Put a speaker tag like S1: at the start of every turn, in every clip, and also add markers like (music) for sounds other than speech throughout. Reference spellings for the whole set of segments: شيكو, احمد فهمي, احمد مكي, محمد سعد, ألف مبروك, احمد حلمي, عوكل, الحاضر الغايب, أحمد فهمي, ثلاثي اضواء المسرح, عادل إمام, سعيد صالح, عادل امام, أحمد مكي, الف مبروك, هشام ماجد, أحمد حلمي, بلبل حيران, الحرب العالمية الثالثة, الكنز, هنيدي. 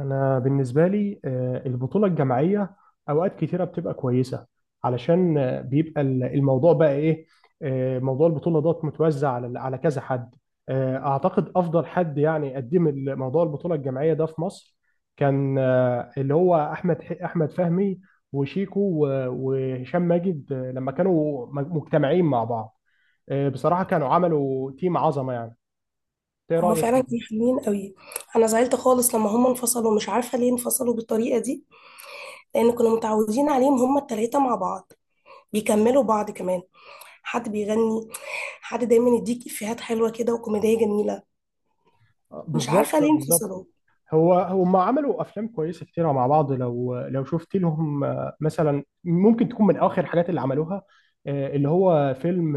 S1: أنا بالنسبة لي، البطولة الجماعية أوقات كتيرة بتبقى كويسة. علشان بيبقى الموضوع بقى إيه. موضوع البطولة دوت متوزع على كذا حد. أعتقد أفضل حد يعني قدم موضوع البطولة الجماعية ده في مصر كان، اللي هو أحمد أحمد فهمي وشيكو وهشام ماجد، لما كانوا مجتمعين مع بعض. بصراحة كانوا عملوا تيم عظمة يعني. إيه
S2: هما
S1: رأيك؟
S2: فعلا كانوا حلوين قوي. انا زعلت خالص لما هما انفصلوا، مش عارفه ليه انفصلوا بالطريقه دي. لان كنا متعودين عليهم هما التلاته مع بعض، بيكملوا بعض كمان. حد بيغني، حد دايما يديك افيهات حلوه كده وكوميديه جميله. مش عارفه
S1: بالظبط،
S2: ليه
S1: بالظبط.
S2: انفصلوا.
S1: هم عملوا افلام كويسه كتير مع بعض. لو شفت لهم مثلا، ممكن تكون من اخر الحاجات اللي عملوها اللي هو فيلم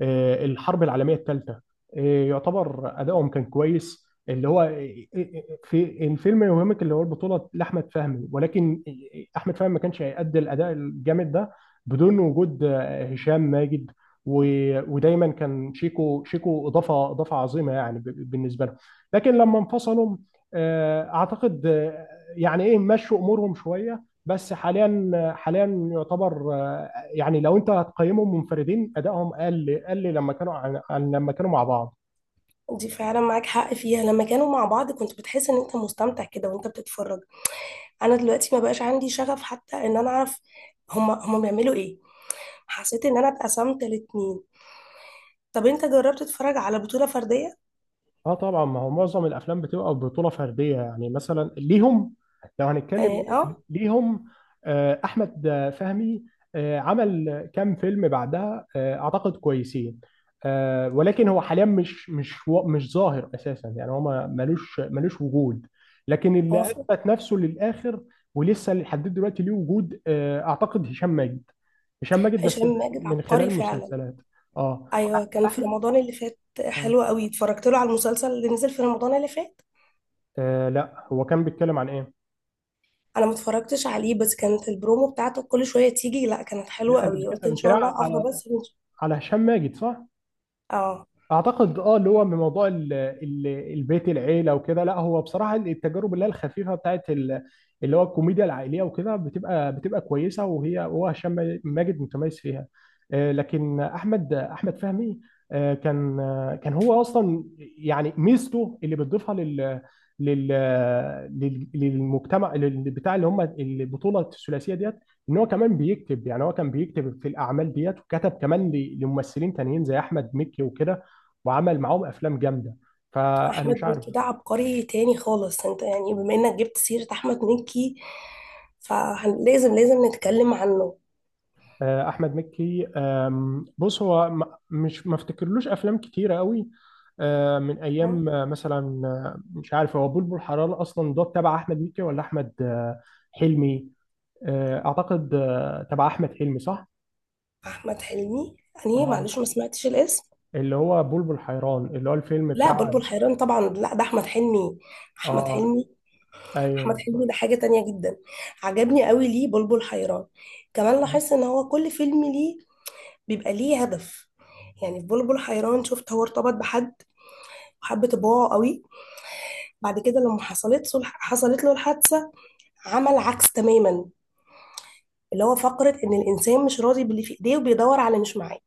S1: الحرب العالميه الثالثه. يعتبر ادائهم كان كويس، اللي هو في الفيلم يوهمك اللي هو البطوله لاحمد فهمي، ولكن احمد فهمي ما كانش هيأدي الاداء الجامد ده بدون وجود هشام ماجد. ودايما كان شيكو اضافه عظيمه يعني، بالنسبه لهم. لكن لما انفصلوا، اعتقد يعني ايه، مشوا امورهم شويه بس. حاليا، حاليا يعتبر يعني لو انت هتقيمهم منفردين ادائهم قل قل لما كانوا عن لما كانوا مع بعض.
S2: دي فعلا معاك حق فيها. لما كانوا مع بعض كنت بتحس ان انت مستمتع كده وانت بتتفرج. انا دلوقتي ما بقاش عندي شغف حتى ان انا اعرف هما بيعملوا ايه. حسيت ان انا اتقسمت الاتنين. طب انت جربت تتفرج على بطوله فرديه؟
S1: اه، طبعا ما هو معظم الافلام بتبقى بطوله فرديه، يعني مثلا ليهم. لو هنتكلم
S2: اه، آه.
S1: ليهم، احمد فهمي عمل كام فيلم بعدها، اعتقد كويسين. ولكن هو حاليا مش ظاهر اساسا، يعني هو ملوش وجود. لكن
S2: هو
S1: اللي اثبت نفسه للاخر ولسه لحد دلوقتي ليه وجود اعتقد هشام ماجد. هشام ماجد بس
S2: هشام ماجد
S1: من
S2: عبقري
S1: خلال
S2: فعلا.
S1: مسلسلات. اه.
S2: ايوه، كان في
S1: احمد.
S2: رمضان اللي فات
S1: آه
S2: حلو قوي. اتفرجت له على المسلسل اللي نزل في رمضان اللي فات.
S1: لا، هو كان بيتكلم عن ايه؟
S2: انا ما اتفرجتش عليه بس كانت البرومو بتاعته كل شويه تيجي. لا، كانت حلوه
S1: لا، انت
S2: قوي، قلت ان
S1: بتتكلم
S2: شاء الله افضل
S1: على
S2: بس
S1: هشام ماجد، صح؟
S2: اه،
S1: اعتقد اللي هو من موضوع البيت العيله وكده. لا، هو بصراحه التجارب اللي هي الخفيفه بتاعت اللي هو الكوميديا العائليه وكده بتبقى كويسه. هو هشام ماجد متميز فيها. لكن احمد فهمي كان كان هو اصلا، يعني ميزته اللي بتضيفها لل للمجتمع، بتاع اللي هم البطوله الثلاثيه ديت، ان هو كمان بيكتب. يعني هو كان بيكتب في الاعمال ديت وكتب كمان لممثلين تانيين زي احمد مكي وكده، وعمل معاهم افلام جامده. فانا
S2: احمد
S1: مش عارف.
S2: مكي ده عبقري تاني خالص. انت يعني بما انك جبت سيره احمد مكي فلازم نتكلم عنه.
S1: احمد مكي، بص هو م- مش ما افتكرلوش افلام كتيره قوي، من
S2: آه،
S1: ايام مثلا مش عارف هو بلبل حرام اصلا ده تبع احمد مكي ولا احمد حلمي. اعتقد تبع احمد حلمي، صح.
S2: احمد حلمي؟ يعني
S1: اه،
S2: معلش ما سمعتش الاسم.
S1: اللي هو بلبل حيران، اللي هو الفيلم
S2: لا،
S1: بتاع.
S2: بلبل حيران طبعا. لا، ده احمد حلمي. احمد
S1: اه،
S2: حلمي،
S1: ايوه،
S2: احمد
S1: صح.
S2: حلمي ده حاجة تانية جدا. عجبني قوي ليه بلبل حيران. كمان
S1: آه.
S2: لاحظت ان هو كل فيلم ليه بيبقى ليه هدف. يعني في بلبل حيران شفت هو ارتبط بحد وحب طباعه قوي. بعد كده لما حصلت له الحادثة، عمل عكس تماما. اللي هو فقرة ان الانسان مش راضي باللي في ايديه وبيدور على اللي مش معاه.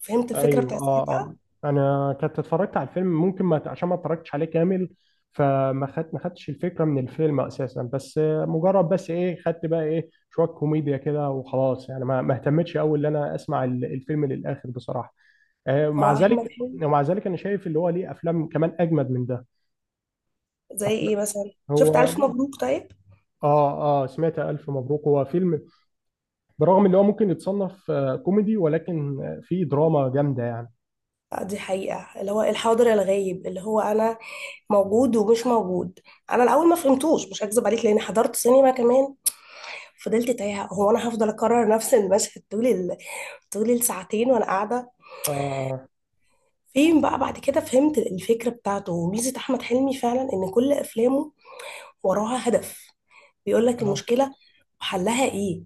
S2: فهمت الفكرة
S1: ايوه،
S2: بتاعت
S1: اه، اه.
S2: ساعتها.
S1: انا كنت اتفرجت على الفيلم. ممكن ما عشان ما اتفرجتش عليه كامل، فما خدت ما خدتش الفكره من الفيلم اساسا. بس مجرد بس ايه، خدت بقى ايه شويه كوميديا كده وخلاص. يعني ما اهتمتش قوي ان انا اسمع الفيلم للاخر بصراحه.
S2: هو
S1: مع
S2: احمد
S1: ذلك
S2: حلمي.
S1: ومع ذلك انا شايف اللي هو ليه افلام كمان اجمد من ده.
S2: زي
S1: أفلام-
S2: ايه مثلا؟ شفت
S1: هو،
S2: الف مبروك طيب؟
S1: اه، اه، سمعت الف مبروك. هو فيلم برغم ان هو ممكن يتصنف كوميدي، ولكن فيه دراما جامده يعني.
S2: دي حقيقة اللي هو الحاضر الغايب، اللي هو انا موجود ومش موجود. انا الاول ما فهمتوش، مش هكذب عليك لاني حضرت سينما كمان. فضلت تايهه، هو انا هفضل اكرر نفس المشهد طول الساعتين وانا قاعده
S1: اه،
S2: فين بقى؟ بعد كده فهمت الفكره بتاعته، وميزه احمد حلمي فعلا ان كل افلامه وراها هدف. بيقول لك
S1: اه،
S2: المشكله وحلها ايه.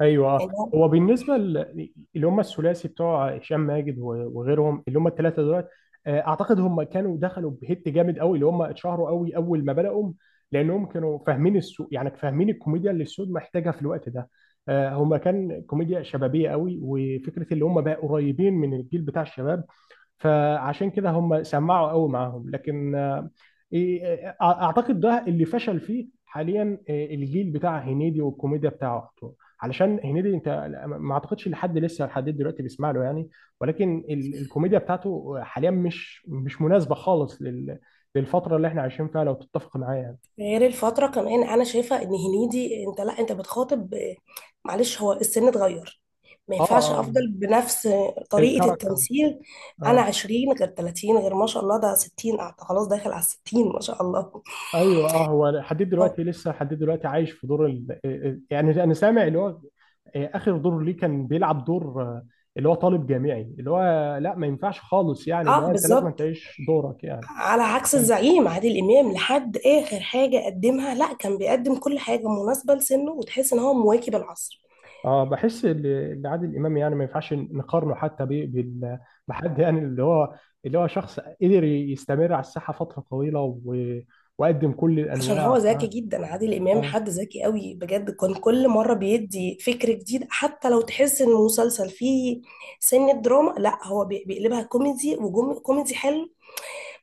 S1: ايوه.
S2: يعني هو.
S1: هو بالنسبه اللي هم الثلاثي بتوع هشام ماجد وغيرهم، اللي هم الثلاثه دول. اعتقد هم كانوا دخلوا بهيت جامد قوي، اللي هم اتشهروا قوي اول ما بداوا، لانهم كانوا فاهمين السوق، يعني فاهمين الكوميديا اللي السوق محتاجها في الوقت ده. هم كان كوميديا شبابيه قوي، وفكره اللي هم بقى قريبين من الجيل بتاع الشباب، فعشان كده هم سمعوا قوي معاهم. لكن اعتقد ده اللي فشل فيه حاليا، الجيل بتاع هنيدي والكوميديا بتاعته. علشان هنيدي انت ما اعتقدش لحد دلوقتي بيسمع له يعني. ولكن الكوميديا بتاعته حاليا مش مناسبه خالص للفتره اللي احنا عايشين فيها، لو تتفق معايا يعني.
S2: غير الفترة كمان أنا شايفة إن هنيدي أنت، لا، أنت بتخاطب. معلش هو السن اتغير، ما
S1: اه.
S2: ينفعش
S1: آه،
S2: أفضل بنفس طريقة
S1: الكاركتر.
S2: التمثيل. أنا
S1: اه،
S2: 20 غير 30 غير ما شاء الله ده 60، خلاص داخل على الستين ما شاء الله.
S1: ايوه، اه. هو حديد
S2: (laughs) اه.
S1: دلوقتي، عايش في دور ال... آه، آه، يعني انا سامع اللي هو اخر دور ليه كان بيلعب دور اللي هو طالب جامعي، اللي هو لا ما ينفعش خالص، يعني اللي هو انت لازم
S2: بالظبط.
S1: تعيش دورك يعني.
S2: على عكس
S1: يعني-
S2: الزعيم عادل إمام لحد آخر حاجة قدمها، لا، كان بيقدم كل حاجة مناسبة لسنه وتحس إن هو مواكب العصر.
S1: اه، بحس ان عادل امام يعني ما ينفعش نقارنه حتى بحد، يعني اللي هو شخص قدر يستمر على الساحه فتره طويله وقدم كل
S2: عشان هو
S1: الانواع،
S2: ذكي
S1: فاهم؟
S2: جدا عادل امام،
S1: آه.
S2: حد ذكي قوي بجد. كان كل مره بيدي فكر جديد حتى لو تحس ان المسلسل فيه سن دراما، لا هو بيقلبها كوميدي وكوميدي حلو.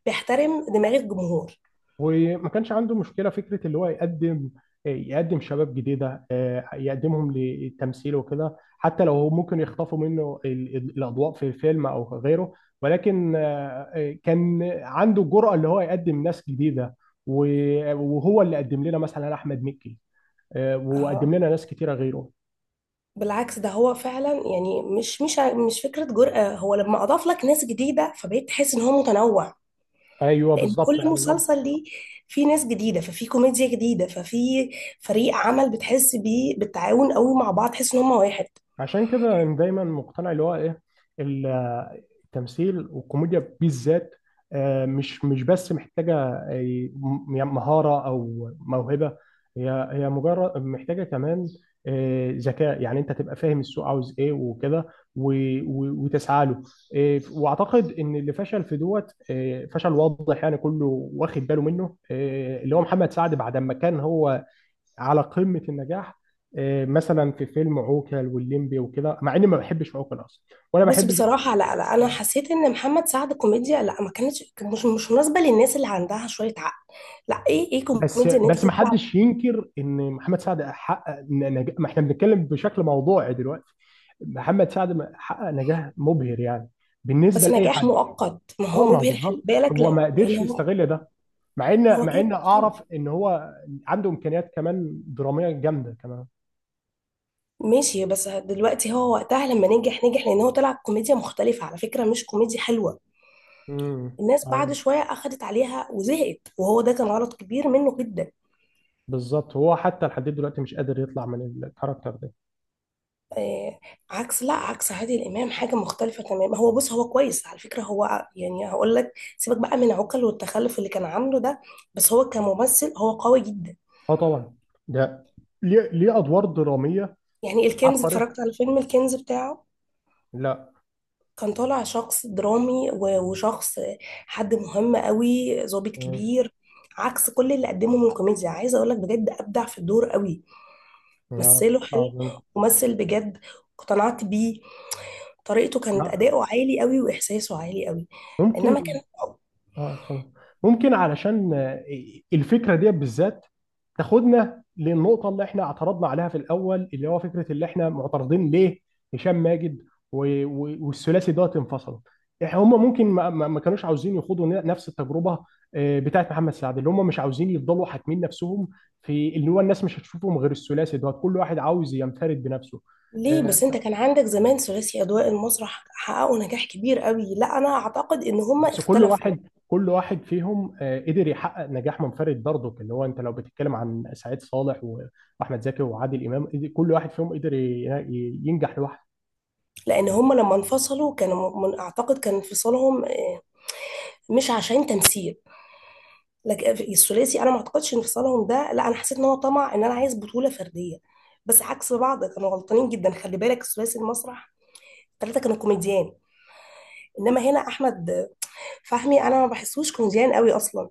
S2: بيحترم دماغ الجمهور.
S1: وما كانش عنده مشكله فكره اللي هو يقدم، شباب جديده، يقدمهم للتمثيل وكده، حتى لو هو ممكن يخطفوا منه الاضواء في الفيلم او غيره. ولكن كان عنده الجرأه اللي هو يقدم ناس جديده. وهو اللي قدم لنا مثلا احمد مكي. وقدم
S2: اه
S1: لنا ناس كتيره غيره.
S2: بالعكس، ده هو فعلا يعني مش فكره جرأة. هو لما اضاف لك ناس جديده فبقيت تحس ان هو متنوع.
S1: ايوه،
S2: لان
S1: بالظبط
S2: كل
S1: يعني
S2: مسلسل ليه فيه ناس جديده، ففي كوميديا جديده، ففي فريق عمل بتحس بيه بالتعاون قوي مع بعض، تحس ان هم واحد.
S1: عشان كده أنا دايما مقتنع اللي هو ايه، التمثيل والكوميديا بالذات مش بس محتاجة يعني مهارة أو موهبة. هي مجرد محتاجة كمان ذكاء، يعني أنت تبقى فاهم السوق عاوز إيه وكده وتسعى له. وأعتقد إن اللي فشل في دوت فشل واضح، يعني كله واخد باله منه، اللي هو محمد سعد بعد ما كان هو على قمة النجاح. مثلا في فيلم عوكل والليمبي وكده، مع اني ما بحبش عوكل اصلا ولا
S2: بص
S1: بحبش.
S2: بصراحة، لا، لا، أنا
S1: آه،
S2: حسيت إن محمد سعد كوميديا، لا ما كانتش، كان مش مناسبة للناس اللي عندها شوية عقل. لا، إيه إيه
S1: بس
S2: كوميديا إن أنت
S1: بس ما
S2: تطلع.
S1: حدش ينكر ان محمد سعد حقق نجاح. ما احنا بنتكلم بشكل موضوعي دلوقتي. محمد سعد حقق نجاح مبهر، يعني بالنسبه
S2: بس
S1: لاي
S2: نجاح
S1: حد.
S2: مؤقت، ما هو
S1: اه، ما هو
S2: مبهر خلي
S1: بالظبط.
S2: بالك،
S1: هو
S2: لا
S1: ما
S2: لأن
S1: قدرش
S2: هو
S1: يستغل ده،
S2: هو
S1: مع ان
S2: كان مختلف.
S1: اعرف ان هو عنده امكانيات كمان دراميه جامده كمان.
S2: ماشي، بس دلوقتي هو وقتها لما نجح لأن هو طلع كوميديا مختلفة على فكرة، مش كوميديا حلوة.
S1: امم
S2: الناس بعد
S1: ايوه،
S2: شوية أخدت عليها وزهقت، وهو ده كان غلط كبير منه جدا.
S1: بالظبط. هو حتى لحد دلوقتي مش قادر يطلع من الكاركتر ده.
S2: آه، عكس لا عكس عادل امام حاجه مختلفه تماما. هو بص، هو كويس على فكره، يعني هقول لك، سيبك بقى من عقل والتخلف اللي كان عامله ده. بس هو كممثل هو قوي جدا.
S1: اه، طبعا، ده ليه ادوار دراميه
S2: يعني الكنز،
S1: عبقريه.
S2: اتفرجت على فيلم الكنز بتاعه.
S1: لا.
S2: كان طالع شخص درامي و- وشخص، حد مهم قوي، ضابط
S1: مم.
S2: كبير. عكس كل اللي قدمه من كوميديا، عايزه اقول لك بجد ابدع في الدور قوي.
S1: لا،
S2: مثله
S1: بشكل
S2: حلو
S1: عظيم.
S2: ومثل بجد، اقتنعت بيه. طريقته كانت
S1: لا.
S2: اداؤه عالي قوي واحساسه عالي قوي. انما
S1: ممكن.
S2: كان...
S1: اه، اتفضل. ممكن علشان الفكره دي بالذات تاخدنا للنقطه اللي احنا اعترضنا عليها في الاول، اللي هو فكره اللي احنا معترضين ليه هشام ماجد والثلاثي دوت انفصلوا. هم ممكن ما كانوش عاوزين يخوضوا نفس التجربه بتاعت محمد سعد، اللي هم مش عاوزين يفضلوا حاكمين نفسهم في اللي هو الناس مش هتشوفهم غير الثلاثي دوت. كل واحد عاوز ينفرد بنفسه.
S2: ليه
S1: آه،
S2: بس، انت كان عندك زمان ثلاثي اضواء المسرح، حققوا نجاح كبير قوي. لا، انا اعتقد ان هم
S1: بس
S2: اختلفوا يعني.
S1: كل واحد فيهم قدر يحقق نجاح منفرد برضه، اللي هو انت لو بتتكلم عن سعيد صالح واحمد زكي وعادل امام، كل واحد فيهم قدر ينجح لوحده.
S2: لان هم لما انفصلوا كانوا من، اعتقد كان انفصالهم مش عشان تمثيل. لكن الثلاثي انا ما اعتقدش انفصالهم ده، لا انا حسيت ان هو طمع ان انا عايز بطولة فردية. بس عكس بعض كانوا غلطانين جدا خلي بالك. ثلاثي المسرح الثلاثة كانوا كوميديان. انما هنا احمد فهمي انا ما بحسوش كوميديان قوي اصلا.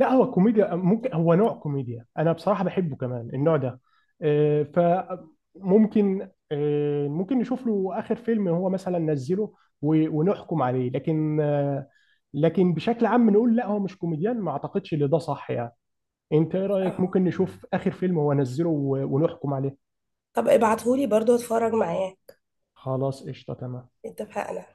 S1: لا، هو كوميديا ممكن، هو نوع كوميديا انا بصراحه بحبه كمان، النوع ده. فممكن ممكن نشوف له اخر فيلم هو مثلا نزله ونحكم عليه، لكن لكن بشكل عام نقول لا، هو مش كوميديان، ما اعتقدش ان ده صح يعني. انت ايه رأيك؟
S2: آه.
S1: ممكن نشوف اخر فيلم هو نزله ونحكم عليه.
S2: طب ابعتهولي برضو اتفرج معاه.
S1: خلاص، قشطة، تمام.
S2: اتفقنا.